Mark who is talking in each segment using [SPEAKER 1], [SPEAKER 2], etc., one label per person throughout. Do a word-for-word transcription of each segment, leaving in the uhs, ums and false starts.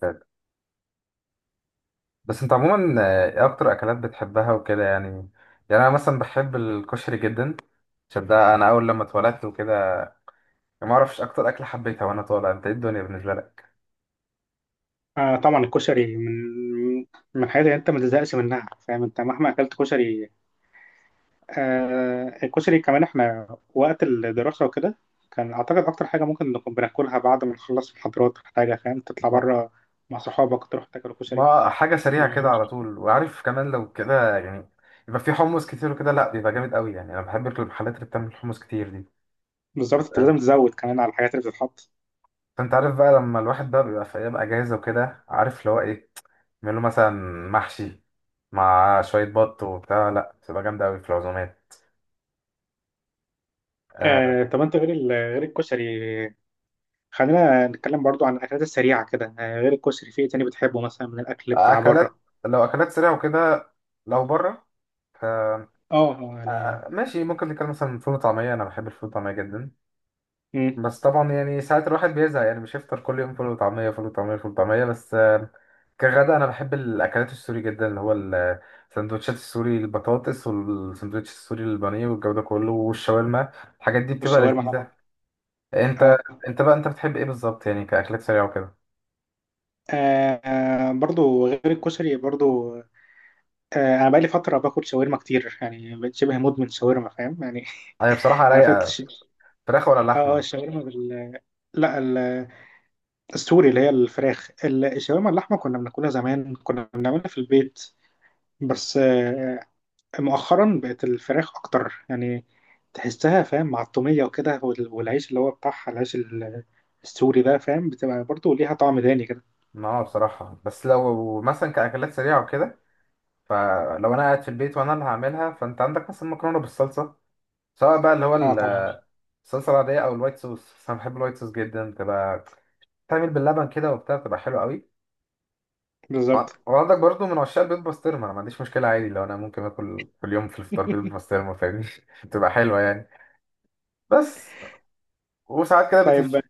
[SPEAKER 1] طيب، بس انت عموما آه، ايه اكتر اكلات بتحبها وكده يعني يعني انا مثلا بحب الكشري جدا. عشان ده انا اول لما اتولدت وكده، ما اعرفش اكتر اكله حبيتها وانا طالع. انت ايه الدنيا بالنسبه لك؟
[SPEAKER 2] آه طبعا الكشري من من الحاجات اللي انت ما تزهقش منها، فاهم؟ انت مهما اكلت كشري. آه الكشري كمان احنا وقت الدراسة وكده، كان اعتقد اكتر حاجة ممكن نكون بناكلها بعد ما نخلص محاضرات ولا حاجة، فاهم؟ تطلع
[SPEAKER 1] ما-
[SPEAKER 2] بره مع صحابك تروح تاكل كشري.
[SPEAKER 1] ما حاجه سريعه كده
[SPEAKER 2] مم.
[SPEAKER 1] على طول، وعارف كمان لو كده يعني. يبقى في حمص كتير وكده، لا، بيبقى جامد قوي يعني. انا بحب المحلات اللي بتعمل حمص كتير دي.
[SPEAKER 2] بالظبط، انت لازم تزود كمان على الحاجات اللي بتتحط.
[SPEAKER 1] فانت عارف بقى، لما الواحد بقى بيبقى في ايام اجازه وكده، عارف اللي هو ايه يعمل له، مثلا محشي مع شويه بط وبتاع، لا، بتبقى جامده قوي في العزومات. آه،
[SPEAKER 2] آه طب انت غير ال- غير الكشري، خلينا نتكلم برضو عن الاكلات السريعة كده، آه غير الكشري في ايه تاني بتحبه مثلا من الاكل بتاع
[SPEAKER 1] اكلات،
[SPEAKER 2] بره؟
[SPEAKER 1] لو اكلات سريعه وكده، لو بره، ف
[SPEAKER 2] اه، آه، يعني.
[SPEAKER 1] آه، ماشي، ممكن نتكلم مثلا فول وطعميه، انا بحب الفول والطعميه جدا.
[SPEAKER 2] مم.
[SPEAKER 1] بس طبعا يعني ساعات الواحد بيزهق يعني، مش هيفطر كل يوم فول وطعميه فول وطعميه فول وطعميه بس. آه، كغدا، انا بحب الاكلات السوري جدا، اللي هو السندوتشات السوري البطاطس والسندوتش السوري البانيه والجو ده كله والشاورما. الحاجات دي بتبقى
[SPEAKER 2] والشاورما طبعا.
[SPEAKER 1] لذيذه. انت
[SPEAKER 2] اه،
[SPEAKER 1] انت بقى، انت بتحب ايه بالظبط يعني، كاكلات سريعه وكده؟
[SPEAKER 2] آه برضو غير الكشري برضو. آه انا بقالي فتره باكل شاورما كتير يعني، بقيت شبه مدمن شاورما، فاهم يعني.
[SPEAKER 1] هي بصراحه
[SPEAKER 2] عارف انت
[SPEAKER 1] رايقه.
[SPEAKER 2] الش-
[SPEAKER 1] فراخ ولا
[SPEAKER 2] اه، آه،
[SPEAKER 1] لحمه؟
[SPEAKER 2] الشاورما بال لا، ال- السوري اللي هي الفراخ، ال- الشاورما اللحمه كنا بناكلها زمان، كنا بنعملها في البيت. بس آه مؤخرا بقت الفراخ اكتر يعني. تحسها فاهم مع الطوميه وكده وال- والعيش اللي هو بتاعها، العيش ال- السوري ده، فاهم؟ بتبقى برضو ليها طعم تاني كده.
[SPEAKER 1] ما بصراحة، بس لو مثلا كأكلات سريعة وكده، فلو أنا قاعد في البيت وأنا اللي هعملها، فأنت عندك مثلا مكرونة بالصلصة، سواء بقى اللي هو
[SPEAKER 2] اه
[SPEAKER 1] ال-
[SPEAKER 2] طبعا.
[SPEAKER 1] الصلصة العادية أو الوايت صوص. بس أنا بحب الوايت صوص جدا، بتبقى تعمل باللبن كده وبتاع، بتبقى حلوة قوي. وع-
[SPEAKER 2] بالظبط.
[SPEAKER 1] وعندك برضو، من عشاق البيض بسطرمة، أنا ما عنديش مشكلة عادي، لو أنا ممكن آكل كل يوم في الفطار بيض بسطرمة فاهمني. بتبقى حلوة يعني. بس وساعات كده بتف...
[SPEAKER 2] طيب.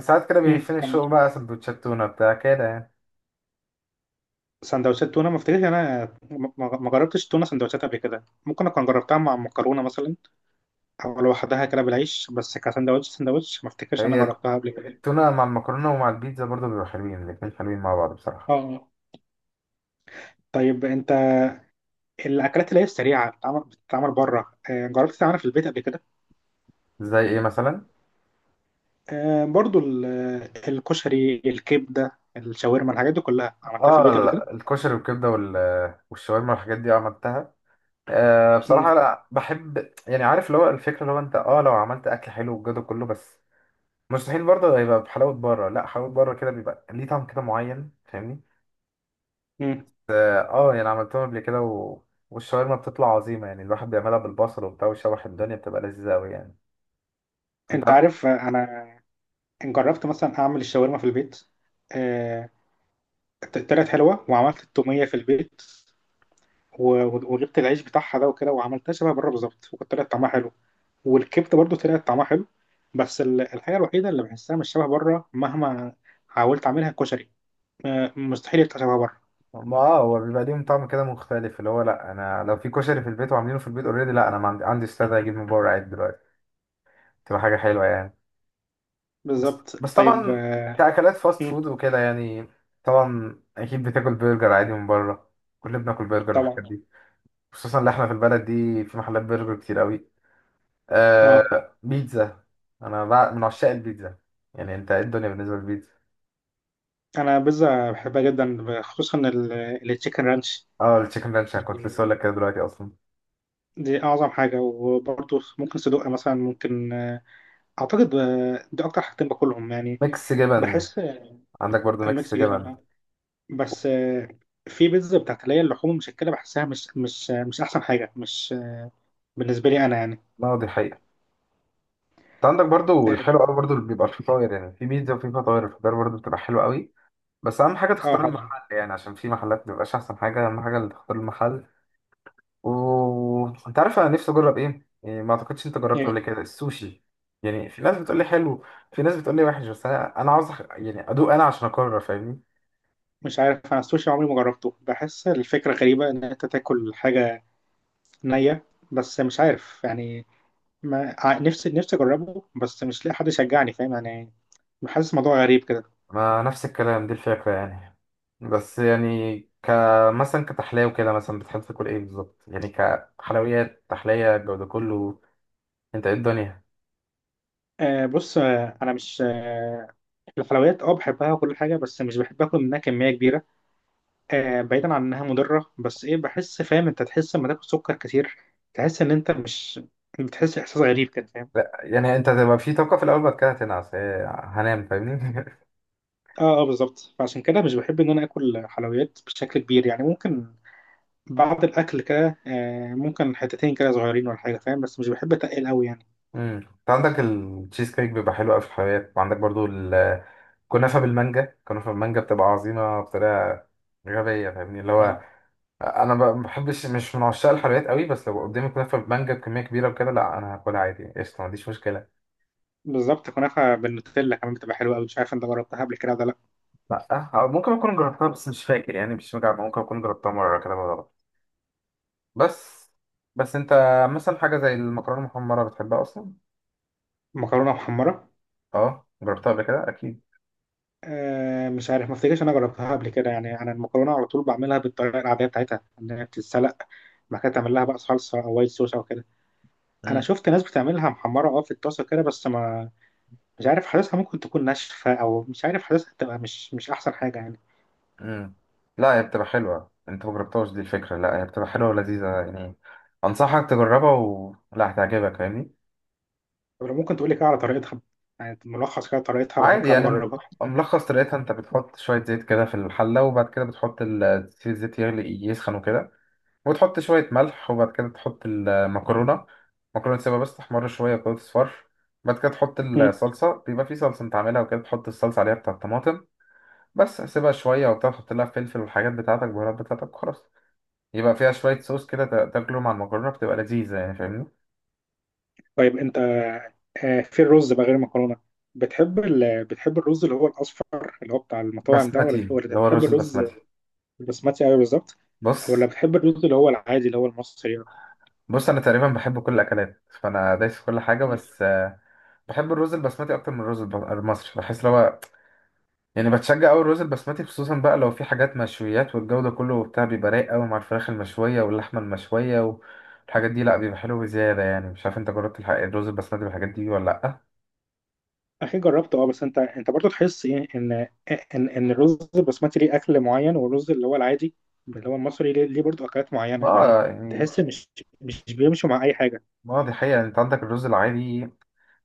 [SPEAKER 1] ساعات كده
[SPEAKER 2] امم
[SPEAKER 1] بيهفني
[SPEAKER 2] كم
[SPEAKER 1] الشوق بقى سندوتشات تونة بتاع كده يعني.
[SPEAKER 2] سندوتشات تونه، ما افتكرش انا ما ما جربتش تونه سندوتشات قبل كده. ممكن اكون جربتها مع مكرونه مثلا، او لوحدها كده بالعيش، بس كسندوتش، سندوتش ما افتكرش انا
[SPEAKER 1] هي
[SPEAKER 2] جربتها قبل كده.
[SPEAKER 1] التونة مع المكرونة ومع البيتزا برضه بيبقوا حلوين، الاتنين حلوين مع بعض بصراحة.
[SPEAKER 2] اه طيب. انت الاكلات اللي هي السريعه بتتعمل بتتعمل بره، آه، جربت تعملها في البيت قبل كده؟
[SPEAKER 1] زي ايه مثلا؟
[SPEAKER 2] آه، برضو ال- آه، الكشري، الكبده، الشاورما، الحاجات دي كلها عملتها في
[SPEAKER 1] اه،
[SPEAKER 2] البيت قبل كده.
[SPEAKER 1] لا، الكشري والكبدة وال- والشاورما والحاجات دي عملتها. آه
[SPEAKER 2] مم.
[SPEAKER 1] بصراحة، لا، بحب يعني، عارف اللي هو الفكرة، اللي هو انت اه لو عملت اكل حلو والجو ده كله، بس مستحيل برضه هيبقى بحلاوة بره، لا، حلاوة بره كده بيبقى ليه طعم كده معين، فاهمني؟
[SPEAKER 2] مم.
[SPEAKER 1] اه آه، يعني عملتهم قبل كده و... والشاورما بتطلع عظيمة يعني، الواحد بيعملها بالبصل وبتاع ويشوح الدنيا، بتبقى لذيذة أوي يعني.
[SPEAKER 2] انت
[SPEAKER 1] انت.
[SPEAKER 2] عارف آه، انا جربت مثلا اعمل الشاورما في البيت. آه، طلعت حلوه. وعملت التوميه في البيت و- وجبت العيش بتاعها ده وكده، وعملتها شبه بره بالظبط، وكانت طلعت طعمها حلو. والكبده برضو طلعت طعمها حلو. بس ال- الحاجه الوحيده اللي بحسها مش شبه بره مهما حاولت اعملها كشري. آه، مستحيل يبقى شبه بره.
[SPEAKER 1] ما اه هو بيبقى ليهم طعم كده مختلف، اللي هو لا، انا لو في كشري في البيت وعاملينه في البيت اوريدي، لا، انا ما عندي عندي استعداد اجيب من بره عيد دلوقتي. تبقى حاجه حلوه يعني. بس
[SPEAKER 2] بالظبط.
[SPEAKER 1] بس
[SPEAKER 2] طيب
[SPEAKER 1] طبعا،
[SPEAKER 2] آه،
[SPEAKER 1] كاكلات فاست
[SPEAKER 2] مم،
[SPEAKER 1] فود وكده يعني. طبعا اكيد بتاكل برجر عادي من بره، كلنا بناكل برجر
[SPEAKER 2] طبعا.
[SPEAKER 1] والحاجات دي، خصوصا اللي احنا في البلد دي في محلات برجر كتير قوي.
[SPEAKER 2] اه،
[SPEAKER 1] آه بيتزا. انا بع- من عشاق البيتزا يعني. انت ايه الدنيا بالنسبه للبيتزا؟
[SPEAKER 2] انا بيتزا بحبها جدا خصوصا ال- التشيكن رانش.
[SPEAKER 1] اه، التشيكن رانش، انا كنت
[SPEAKER 2] دي
[SPEAKER 1] لسه اقول لك كده دلوقتي اصلا.
[SPEAKER 2] دي اعظم حاجه، وبرضو ممكن صدق مثلا، ممكن آه، اعتقد آه، دي اكتر حاجتين باكلهم يعني.
[SPEAKER 1] ميكس جبن.
[SPEAKER 2] بحس
[SPEAKER 1] عندك برضو ميكس
[SPEAKER 2] ميكس
[SPEAKER 1] جبن.
[SPEAKER 2] جبن. بس آه، في بيتزا بتاعت اللي هي اللحوم المشكله، بحسها مش مش مش احسن حاجه، مش آه، بالنسبه لي انا يعني.
[SPEAKER 1] نقضي حقيقة. انت عندك برضو الحلو قوي برضو، اللي بيبقى فيه فطاير يعني، في بيتزا وفي فطاير، الفطاير برضو بتبقى حلوة قوي. بس اهم حاجة
[SPEAKER 2] اه
[SPEAKER 1] تختار
[SPEAKER 2] طبعا.
[SPEAKER 1] المحل يعني، عشان في محلات مبيبقاش احسن حاجة، اهم حاجة اللي تختار المحل. وانت عارف، انا نفسي اجرب ايه، يعني ما اعتقدش انت جربت قبل
[SPEAKER 2] ايه.
[SPEAKER 1] كده السوشي. يعني في ناس بتقول لي حلو، في ناس بتقول لي وحش، بس انا انا عاوز أخ- يعني ادوق انا عشان اقرر، فاهمني؟
[SPEAKER 2] مش عارف، انا السوشي عمري ما جربته، بحس الفكره غريبه ان انت تاكل حاجه نيه، بس مش عارف يعني. ما ع- نفسي نفسي اجربه، بس مش لاقي حد يشجعني، فاهم يعني. بحس الموضوع غريب كده.
[SPEAKER 1] ما نفس الكلام دي الفكرة يعني. بس يعني، ك مثلا كتحلية وكده، مثلا بتحب تاكل ايه بالظبط يعني كحلويات، تحلية، الجو ده كله، انت ايه الدنيا؟
[SPEAKER 2] آه بص، آه انا، مش آه الحلويات، اه، بحبها وكل حاجه، بس مش بحب اكل منها كميه كبيره. آه بعيدا عن انها مضره، بس ايه، بحس فاهم، انت تحس لما تاكل سكر كتير، تحس ان انت مش، بتحس احساس غريب كده، فاهم؟
[SPEAKER 1] لا يعني، انت هتبقى في طاقة في الأول، بعد كده هتنعس هي- هنام فاهمني.
[SPEAKER 2] اه، اه، بالظبط، فعشان كده مش بحب ان انا اكل حلويات بشكل كبير يعني. ممكن بعد الاكل كده آه ممكن حتتين كده صغيرين ولا حاجه، فاهم، بس مش بحب اتقل قوي يعني.
[SPEAKER 1] امم انت عندك التشيز كيك بيبقى حلو قوي في الحلويات، وعندك برضو الكنافة بالمانجا، الكنافة بالمانجا بتبقى عظيمة بطريقة غبية فاهمني، اللي
[SPEAKER 2] اه
[SPEAKER 1] هو أنا ب- ما بحبش، مش من عشاق الحلويات قوي، بس لو قدامي كنافة بالمانجا بكمية كبيرة وكده، لا، أنا هاكلها عادي قشطة ما عنديش مشكلة.
[SPEAKER 2] بالظبط، كنافه بالنوتيلا كمان بتبقى حلوه قوي، مش عارف انت جربتها قبل كده ولا لا.
[SPEAKER 1] لا، أه، ممكن أكون جربتها بس مش فاكر يعني، مش مجمع، ممكن أكون جربتها مرة كده بالغلط. بس بس أنت، مثلا حاجة زي المكرونة المحمرة، بتحبها أصلا؟
[SPEAKER 2] مكرونه محمره.
[SPEAKER 1] أه، جربتها قبل كده أكيد.
[SPEAKER 2] آه، مش عارف، ما افتكرش انا جربتها قبل كده يعني. انا المكرونه على طول بعملها بالطريقه العاديه بتاعتها ان هي بتتسلق، بعد كده تعمل لها بقى صلصه او وايت صوص او كده. انا
[SPEAKER 1] مم.
[SPEAKER 2] شفت ناس بتعملها محمره اه في الطاسه كده، بس ما مش عارف، حاسسها ممكن تكون ناشفه، او مش عارف، حاسسها تبقى مش مش احسن حاجه يعني.
[SPEAKER 1] مم. لا، هي بتبقى حلوة، انت مجربتهاش دي الفكرة، لا، هي بتبقى حلوة ولذيذة يعني، انصحك تجربها، ولا هتعجبك فاهمني.
[SPEAKER 2] طب لو ممكن تقول لي كده على طريقتها، يعني ملخص كده طريقتها، بقى
[SPEAKER 1] عادي
[SPEAKER 2] ممكن ابقى
[SPEAKER 1] يعني، م-
[SPEAKER 2] اجربها.
[SPEAKER 1] ملخص طريقتها، انت بتحط شوية زيت كده في الحلة، وبعد كده بتحط ال- تسيب الزيت يغلي يسخن وكده، وتحط شوية ملح، وبعد كده تحط المكرونة. المكرونة تسيبها بس تحمر شوية كده تصفر. بعد كده تحط
[SPEAKER 2] مم.
[SPEAKER 1] الصلصة، بيبقى في صلصة انت عاملها وكده، تحط الصلصة عليها بتاع الطماطم. بس سيبها شوية وبتاع، تحط لها فلفل والحاجات بتاعتك البهارات بتاعتك وخلاص. يبقى فيها شوية صوص كده، تا- تاكله مع المكرونة، بتبقى لذيذة يعني فاهمني.
[SPEAKER 2] طيب انت آه، في الرز بقى غير المكرونه، بتحب ال... بتحب الرز اللي هو الاصفر اللي هو بتاع المطاعم ده، ولا
[SPEAKER 1] بسمتي،
[SPEAKER 2] ولا
[SPEAKER 1] اللي هو
[SPEAKER 2] بتحب
[SPEAKER 1] الرز
[SPEAKER 2] الرز
[SPEAKER 1] البسمتي.
[SPEAKER 2] البسمتي أوي بالظبط،
[SPEAKER 1] بص
[SPEAKER 2] ولا بتحب الرز اللي هو العادي اللي هو المصري يعني؟
[SPEAKER 1] بص، أنا تقريبا بحب كل الأكلات، فأنا دايس في كل حاجة، بس آه، بحب الرز البسمتي أكتر من الرز الب- المصري، بحس لو هو- يعني بتشجع أوي الرز البسمتي، خصوصا بقى لو في حاجات مشويات والجو ده كله وبتاع، بيبقى رايق أوي مع الفراخ المشوية واللحمة المشوية والحاجات دي، لأ بيبقى حلو بزيادة يعني. مش عارف أنت جربت الح- الرز البسمتي بالحاجات دي ولا لأ؟
[SPEAKER 2] أخي جربته أه، بس أنت أنت برضه تحس إيه؟ إن إن إن الرز البسمتي ليه أكل معين، والرز اللي هو العادي اللي هو المصري ليه, ليه برضه أكلات معينة
[SPEAKER 1] ما
[SPEAKER 2] يعني.
[SPEAKER 1] يعني،
[SPEAKER 2] تحس مش مش بيمشوا مع أي حاجة.
[SPEAKER 1] ما دي حقيقة، أنت عندك الرز العادي.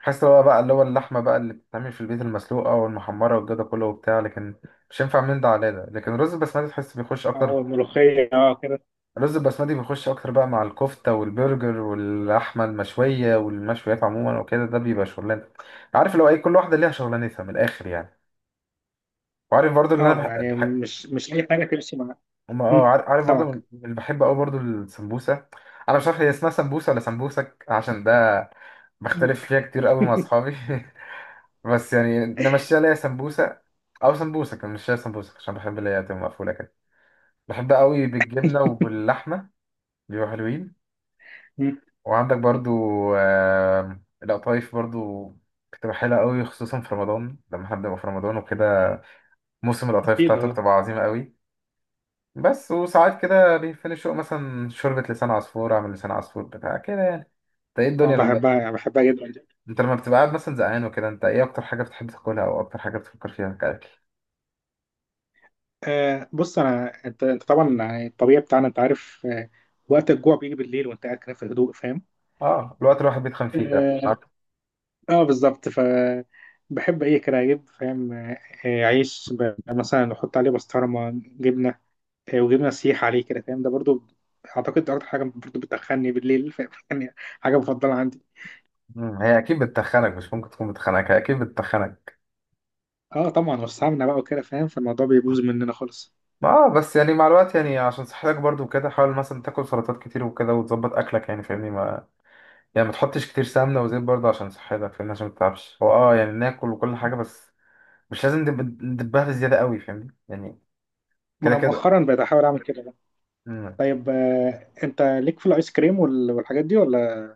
[SPEAKER 1] بحس اللي هو بقى، اللي هو اللحمة بقى اللي بتتعمل في البيت المسلوقة والمحمرة والجو ده كله وبتاع، لكن مش هينفع من ده على ده، لكن الرز البسمتي تحس بيخش
[SPEAKER 2] أه
[SPEAKER 1] أكتر.
[SPEAKER 2] الملوخية أه كده.
[SPEAKER 1] الرز البسمتي بيخش أكتر بقى مع الكفتة والبرجر واللحمة المشوية والمشويات عموما وكده، ده بيبقى شغلانة. عارف اللي هو إيه، كل واحدة ليها شغلانتها من الآخر يعني. وعارف برضو اللي
[SPEAKER 2] أه
[SPEAKER 1] أنا بح...
[SPEAKER 2] يعني
[SPEAKER 1] بح...
[SPEAKER 2] مش مش أي حاجة تمشي مع.
[SPEAKER 1] أما اه
[SPEAKER 2] مم،
[SPEAKER 1] عار- عارف برضو، من-
[SPEAKER 2] سمك.
[SPEAKER 1] من اللي بحب أوي برضو السمبوسة. أنا مش عارف هي اسمها سمبوسة ولا سمبوسك، عشان ده بختلف فيها كتير أوي مع أصحابي. بس يعني نمشيها ليا سمبوسة، أو سمبوسة كان نمشيها سمبوسة، عشان بحب اللي هي تبقى مقفولة كده، بحب قوي بالجبنة وباللحمة، بيبقوا حلوين.
[SPEAKER 2] مم،
[SPEAKER 1] وعندك برضو، آم، القطايف، برضو كنت بحبها قوي خصوصا في رمضان، لما حد يبقى في رمضان وكده، موسم القطايف
[SPEAKER 2] أكيد
[SPEAKER 1] بتاعته
[SPEAKER 2] أه.
[SPEAKER 1] بتبقى عظيمة قوي. بس وساعات كده بيفني شوق، مثلا شوربة لسان عصفور، أعمل لسان عصفور بتاع كده يعني. انت ايه
[SPEAKER 2] أه
[SPEAKER 1] الدنيا لما
[SPEAKER 2] بحبها يعني، بحبها جدا.
[SPEAKER 1] انت لما بتبقى قاعد مثلا زهقان وكده، انت ايه اكتر حاجة بتحب تاكلها، او اكتر حاجة بتفكر فيها كأكل؟
[SPEAKER 2] آه بص، انا، انت انت طبعا، يعني الطبيعي بتاعنا، انت عارف. آه وقت الجوع بيجي بالليل وانت قاعد كده في الهدوء، فاهم؟
[SPEAKER 1] اه، الوقت الواحد بيتخن فيه ده.
[SPEAKER 2] اه، آه بالظبط، ف بحب ايه كده اجيب، فاهم؟ آه آه، عيش ب- مثلا احط عليه بسطرمه جبنه، آه وجبنه سيح عليه كده، فاهم؟ ده برضو اعتقد ده اكتر حاجه برضو بتدخلني بالليل، فاهم؟ يعني. حاجه مفضله عندي.
[SPEAKER 1] مم، هي اكيد بتتخنك، مش ممكن تكون بتخنك، هي اكيد بتتخنك.
[SPEAKER 2] اه طبعا، والسمنه بقى وكده، فاهم؟ فالموضوع بيبوظ مننا خالص.
[SPEAKER 1] اه، بس يعني مع الوقت يعني عشان صحتك برضو وكده، حاول مثلا تاكل سلطات كتير وكده، وتظبط اكلك يعني فاهمني. ما يعني، ما تحطش كتير سمنه وزيت برضو عشان صحتك فاهمني، عشان ما تتعبش هو اه يعني، ناكل وكل حاجه بس مش لازم ندب- ندبها بزياده قوي فاهمني يعني،
[SPEAKER 2] ما
[SPEAKER 1] كده
[SPEAKER 2] انا
[SPEAKER 1] كده.
[SPEAKER 2] مؤخرا بقيت احاول اعمل كده بقى.
[SPEAKER 1] مم.
[SPEAKER 2] طيب آه انت ليك في الايس كريم وال- والحاجات دي ولا؟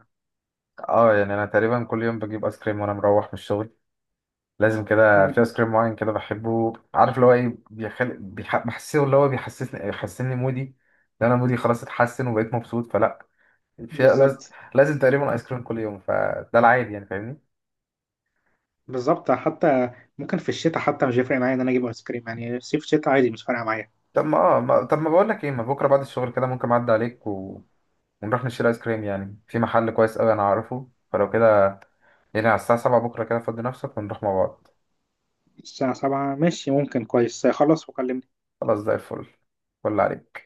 [SPEAKER 1] اه يعني انا تقريبا كل يوم بجيب ايس كريم وانا مروح من الشغل. لازم كده في
[SPEAKER 2] مم.
[SPEAKER 1] ايس كريم معين كده بحبه، عارف اللي هو ايه بيخل... بيح... بحسه اللي هو بيحسسني بيحسسني مودي. لو انا مودي خلاص اتحسن وبقيت مبسوط، فلا فيها لازم،
[SPEAKER 2] بالظبط.
[SPEAKER 1] لازم تقريبا ايس كريم كل يوم، فده العادي يعني فاهمني.
[SPEAKER 2] بالظبط، حتى ممكن في الشتاء، حتى مش هيفرق معايا ان انا اجيب ايس كريم يعني، صيف شتاء عادي مش فارقه معايا.
[SPEAKER 1] طب ما اه ما... طب ما بقول لك ايه، ما بكره بعد الشغل كده ممكن اعدي عليك و... ونروح نشتري ايس كريم يعني، في محل كويس قوي انا عارفه، فلو كده يعني، على الساعه السابعة بكره كده، فضي نفسك ونروح مع بعض.
[SPEAKER 2] الساعه سبعة ماشي، ممكن كويس، خلص وكلمني.
[SPEAKER 1] خلاص، زي الفل. فل عليك.